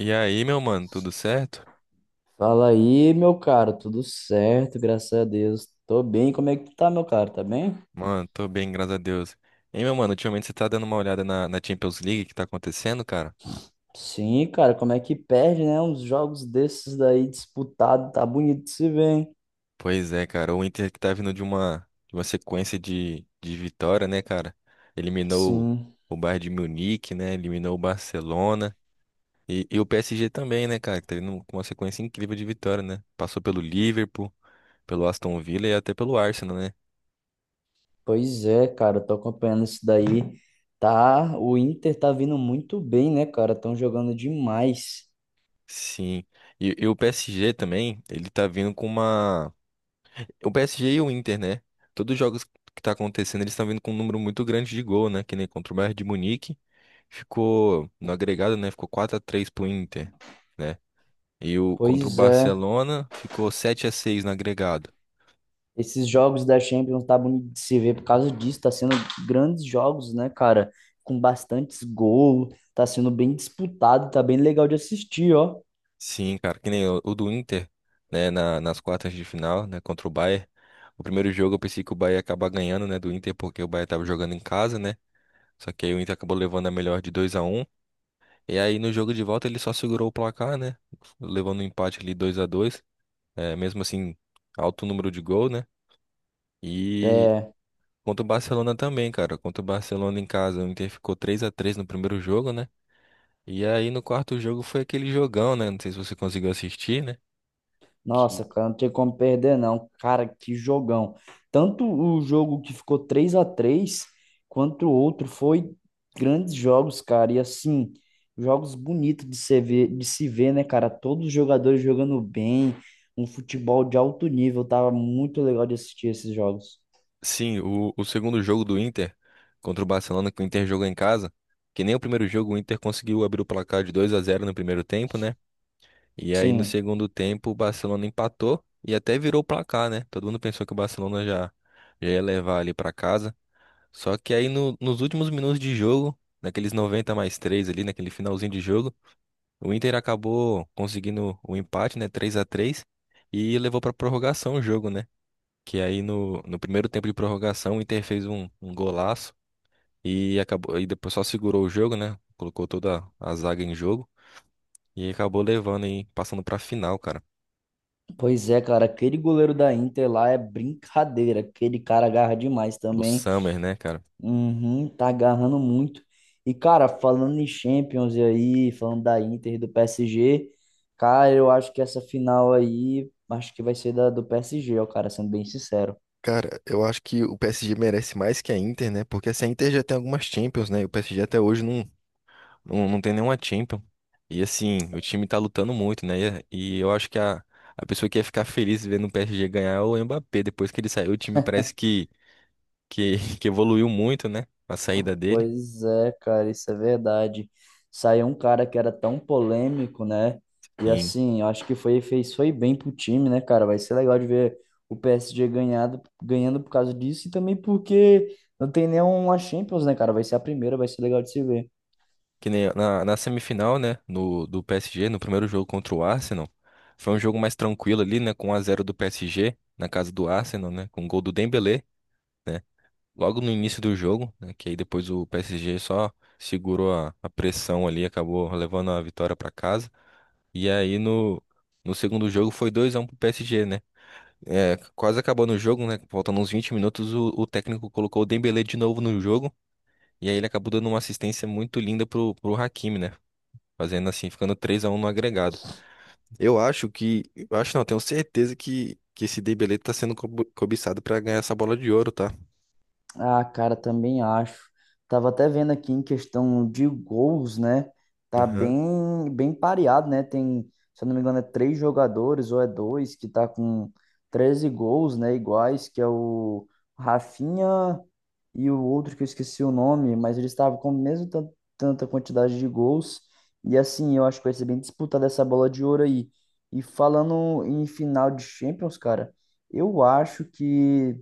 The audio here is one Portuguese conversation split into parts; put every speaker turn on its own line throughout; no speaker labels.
E aí, meu mano, tudo certo?
Fala aí, meu caro, tudo certo, graças a Deus. Tô bem, como é que tu tá, meu caro? Tá bem?
Mano, tô bem, graças a Deus. Hein, meu mano, ultimamente você tá dando uma olhada na Champions League que tá acontecendo, cara?
Sim, cara, como é que perde, né? Uns jogos desses daí disputado, tá bonito de se ver, hein?
Pois é, cara, o Inter que tá vindo de uma sequência de vitória, né, cara? Eliminou
Sim,
o Bayern de Munique, né? Eliminou o Barcelona. E o PSG também, né, cara? Que tá vindo com uma sequência incrível de vitória, né? Passou pelo Liverpool, pelo Aston Villa e até pelo Arsenal, né?
pois é, cara, tô acompanhando isso daí. Tá, o Inter tá vindo muito bem, né, cara? Tão jogando demais.
Sim. E o PSG também, ele tá vindo com uma. O PSG e o Inter, né? Todos os jogos que tá acontecendo, eles estão vindo com um número muito grande de gol, né? Que nem contra o Bayern de Munique, ficou no agregado, né? Ficou 4x3 pro Inter, né? E o contra o
Pois é.
Barcelona ficou 7-6 no agregado.
Esses jogos da Champions tá bonito de se ver por causa disso, tá sendo grandes jogos, né, cara? Com bastantes gols, tá sendo bem disputado, tá bem legal de assistir, ó.
Sim, cara, que nem o do Inter, né? Nas quartas de final, né? Contra o Bayern. O primeiro jogo eu pensei que o Bayern ia acabar ganhando, né? Do Inter, porque o Bayern tava jogando em casa, né? Só que aí o Inter acabou levando a melhor de 2-1. E aí no jogo de volta ele só segurou o placar, né? Levando um empate ali 2-2, é, mesmo assim alto número de gol, né? E
É,
contra o Barcelona também, cara, contra o Barcelona em casa, o Inter ficou 3-3 no primeiro jogo, né? E aí no quarto jogo foi aquele jogão, né? Não sei se você conseguiu assistir, né?
nossa,
Que
cara, não tem como perder, não. Cara, que jogão. Tanto o jogo que ficou 3-3 quanto o outro foi grandes jogos, cara. E assim, jogos bonitos de se ver, né, cara? Todos os jogadores jogando bem, um futebol de alto nível, tava muito legal de assistir esses jogos.
sim, o segundo jogo do Inter contra o Barcelona que o Inter jogou em casa, que nem o primeiro jogo o Inter conseguiu abrir o placar de 2-0 no primeiro tempo, né? E aí no
Sim,
segundo tempo o Barcelona empatou e até virou o placar, né? Todo mundo pensou que o Barcelona já, já ia levar ali pra casa. Só que aí nos últimos minutos de jogo, naqueles 90+3 ali, naquele finalzinho de jogo, o Inter acabou conseguindo o empate, né? 3-3, e levou pra prorrogação o jogo, né? Que aí no, no primeiro tempo de prorrogação o Inter fez um, um golaço e acabou e depois só segurou o jogo, né? Colocou toda a zaga em jogo e acabou levando e passando pra final, cara.
pois é, cara, aquele goleiro da Inter lá é brincadeira, aquele cara agarra demais
Do
também,
Summer, né, cara?
uhum, tá agarrando muito. E cara, falando em Champions e aí, falando da Inter e do PSG, cara, eu acho que essa final aí, acho que vai ser do PSG, ó, cara, sendo bem sincero.
Cara, eu acho que o PSG merece mais que a Inter, né? Porque assim, a Inter já tem algumas Champions, né? E o PSG até hoje não, não, não tem nenhuma Champions. E assim, o time tá lutando muito, né? E eu acho que a pessoa que ia ficar feliz vendo o PSG ganhar é o Mbappé. Depois que ele saiu, o time parece que, que evoluiu muito, né? A saída dele.
Pois é, cara, isso é verdade. Saiu um cara que era tão polêmico, né? E
Sim.
assim, eu acho que foi bem pro time, né, cara? Vai ser legal de ver o PSG ganhando por causa disso, e também porque não tem nenhuma Champions, né, cara? Vai ser a primeira, vai ser legal de se ver.
Que nem na, na semifinal, né? No, do PSG, no primeiro jogo contra o Arsenal. Foi um jogo mais tranquilo ali, né? Com 1 a zero do PSG, na casa do Arsenal, né? Com o gol do Dembélé, né? Logo no início do jogo, né? Que aí depois o PSG só segurou a pressão ali, acabou levando a vitória para casa. E aí no, no segundo jogo foi 2-1 pro PSG, né? É, quase acabando o jogo, né? Faltando uns 20 minutos, o técnico colocou o Dembélé de novo no jogo. E aí ele acabou dando uma assistência muito linda pro, pro Hakimi, né? Fazendo assim, ficando 3-1 no agregado. Eu acho que. Eu acho não, tenho certeza que esse Dembélé tá sendo cobiçado para ganhar essa bola de ouro, tá?
Ah, cara, também acho. Tava até vendo aqui em questão de gols, né? Tá
Aham.
bem, bem pareado, né? Tem, se eu não me engano, é três jogadores ou é dois que tá com 13 gols, né? Iguais, que é o Rafinha e o outro que eu esqueci o nome, mas eles estavam com mesmo tanta quantidade de gols. E assim, eu acho que vai ser bem disputada essa bola de ouro aí. E falando em final de Champions, cara. eu acho que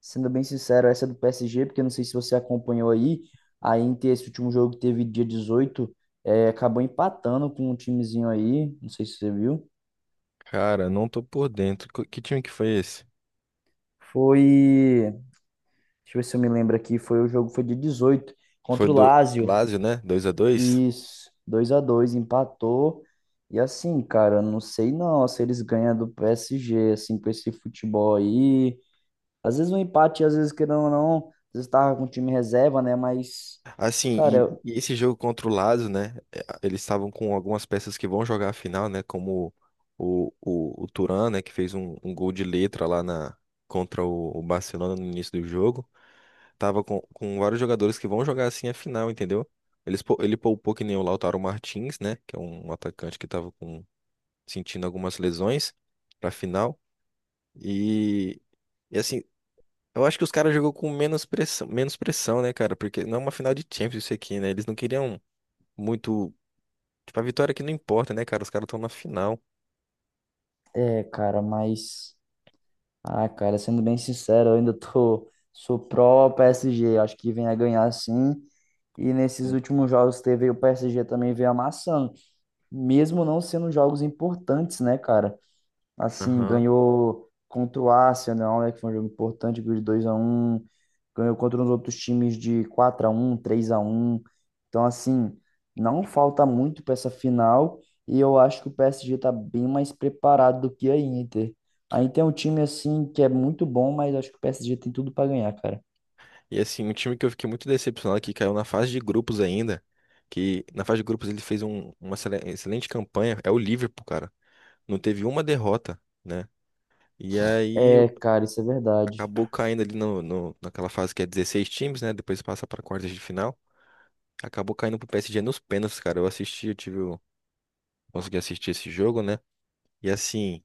Sendo bem sincero, essa é do PSG, porque eu não sei se você acompanhou aí, a Inter, esse último jogo que teve dia 18 acabou empatando com um timezinho aí, não sei se você viu.
Cara, não tô por dentro. Que time que foi esse?
Foi, deixa eu ver se eu me lembro aqui, foi dia 18
Foi
contra o
do
Lazio.
Lazio, né? 2-2.
Isso, 2-2 empatou. E assim, cara, não sei não se eles ganham do PSG, assim, com esse futebol aí. Às vezes um empate, às vezes, querendo ou não, às vezes tava com o time reserva, né, mas...
Assim,
Cara,
e esse jogo contra o Lazio, né? É, eles estavam com algumas peças que vão jogar a final, né? Como o Thuram, né? Que fez um, um gol de letra lá na, contra o Barcelona no início do jogo. Tava com vários jogadores que vão jogar assim a final, entendeu? Eles, ele poupou que nem o Lautaro Martins, né? Que é um atacante que tava com, sentindo algumas lesões pra final. E. E assim, eu acho que os caras jogou com menos pressão, né, cara? Porque não é uma final de Champions isso aqui, né? Eles não queriam muito. Tipo, a vitória aqui não importa, né, cara? Os caras estão na final.
É, cara, mas. Ah, cara, sendo bem sincero, eu ainda tô. Sou pró-PSG. Acho que vem a ganhar sim. E nesses
Hum.
últimos jogos que teve, o PSG também veio amassando. Mesmo não sendo jogos importantes, né, cara? Assim,
Aham.
ganhou contra o Arsenal, né, que foi um jogo importante, ganhou de 2 a um, ganhou contra os outros times de 4-1, 3-1. Então, assim, não falta muito para essa final, e eu acho que o PSG está bem mais preparado do que a Inter. A Inter é um time assim que é muito bom, mas acho que o PSG tem tudo para ganhar, cara.
E assim, um time que eu fiquei muito decepcionado que caiu na fase de grupos ainda. Que na fase de grupos ele fez uma excelente campanha. É o Liverpool, cara. Não teve uma derrota, né? E aí
É, cara, isso é verdade.
acabou caindo ali no, naquela fase que é 16 times, né? Depois passa para quartas de final. Acabou caindo pro PSG nos pênaltis, cara. Eu assisti, eu tive. Consegui assistir esse jogo, né? E assim,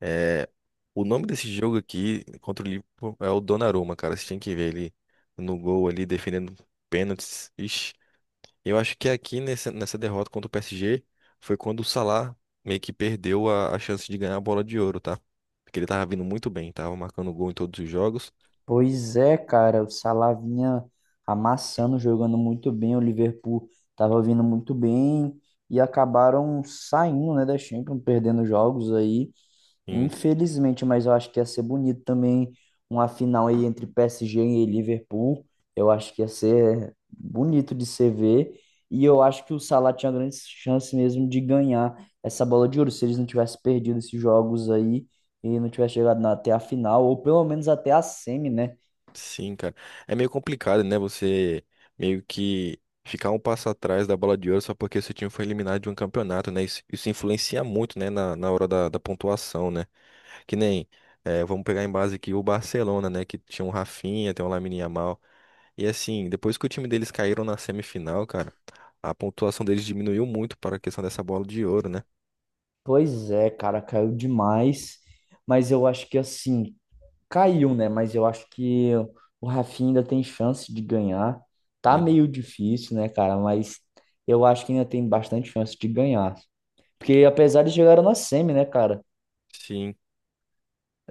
é, o nome desse jogo aqui contra o Liverpool é o Donnarumma, cara. Você tem que ver ele no gol ali, defendendo pênaltis. Ixi, eu acho que aqui nessa, nessa derrota contra o PSG foi quando o Salah meio que perdeu a chance de ganhar a bola de ouro, tá? Porque ele tava vindo muito bem, tava marcando gol em todos os jogos.
Pois é, cara, o Salah vinha amassando, jogando muito bem, o Liverpool tava vindo muito bem e acabaram saindo, né, da Champions, perdendo jogos aí, infelizmente, mas eu acho que ia ser bonito também uma final aí entre PSG e Liverpool. Eu acho que ia ser bonito de se ver, e eu acho que o Salah tinha grande chance mesmo de ganhar essa bola de ouro se eles não tivessem perdido esses jogos aí. E não tivesse chegado até a final, ou pelo menos até a semi, né?
Sim, cara. É meio complicado, né? Você meio que ficar um passo atrás da bola de ouro só porque seu time foi eliminado de um campeonato, né? Isso influencia muito, né? Na hora da, da pontuação, né? Que nem, vamos pegar em base aqui o Barcelona, né? Que tinha um Rafinha, tem um Lamine Yamal. E assim, depois que o time deles caíram na semifinal, cara, a pontuação deles diminuiu muito para a questão dessa bola de ouro, né?
Pois é, cara, caiu demais. Mas eu acho que assim, caiu, né? Mas eu acho que o Rafinha ainda tem chance de ganhar. Tá meio
Hum.
difícil, né, cara? Mas eu acho que ainda tem bastante chance de ganhar. Porque apesar de chegar na semi, né, cara?
Sim.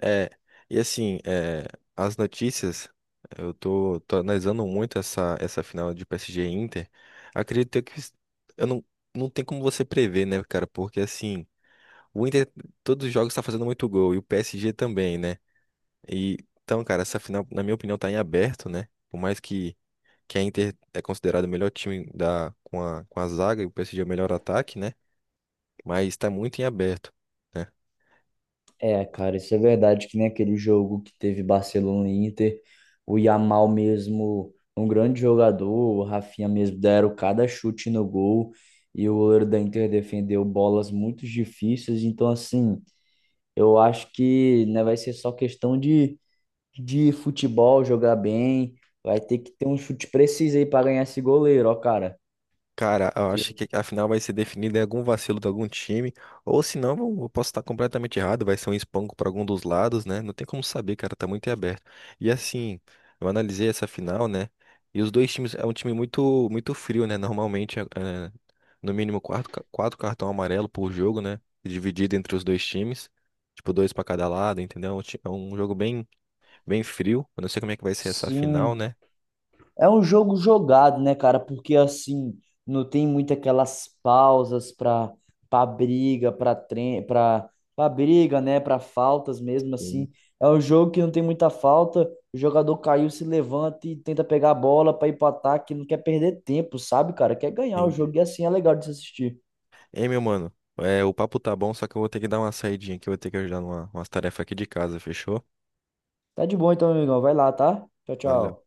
É, e assim, as notícias, eu tô, tô analisando muito essa, essa final de PSG e Inter. Acredito que eu não, não tem como você prever, né, cara? Porque assim, o Inter, todos os jogos tá fazendo muito gol, e o PSG também, né? E, então, cara, essa final, na minha opinião, tá em aberto, né? Por mais que a Inter é considerada o melhor time da, com a zaga e o PSG é o melhor ataque, né? Mas tá muito em aberto, né?
É, cara, isso é verdade, que nem aquele jogo que teve Barcelona e Inter, o Yamal mesmo, um grande jogador, o Rafinha mesmo deram cada chute no gol, e o goleiro da Inter defendeu bolas muito difíceis, então assim. Eu acho que, né, vai ser só questão de futebol, jogar bem. Vai ter que ter um chute preciso aí para ganhar esse goleiro, ó, cara.
Cara, eu acho
Que-
que a final vai ser definida em algum vacilo de algum time, ou se não, eu posso estar completamente errado, vai ser um espanco para algum dos lados, né? Não tem como saber, cara, tá muito em aberto. E assim, eu analisei essa final, né? E os dois times, é um time muito muito frio, né? Normalmente, no mínimo quatro, 4 cartão amarelo por jogo, né? Dividido entre os dois times, tipo dois para cada lado, entendeu? É um é um jogo bem bem frio. Eu não sei como é que vai ser essa final,
Sim,
né?
é um jogo jogado, né, cara? Porque assim, não tem muito aquelas pausas para briga, para tre para para briga, né, para faltas mesmo
Sim,
assim. É um jogo que não tem muita falta. O jogador caiu, se levanta e tenta pegar a bola para ir para ataque, não quer perder tempo, sabe, cara? Quer ganhar o jogo,
entendi.
e assim é legal de se assistir.
Ei, meu mano, o papo tá bom, só que eu vou ter que dar uma saidinha aqui, eu vou ter que ajudar numa, umas tarefas aqui de casa, fechou?
Tá de bom então, amigão. Vai lá, tá? Tchau,
Valeu.
tchau.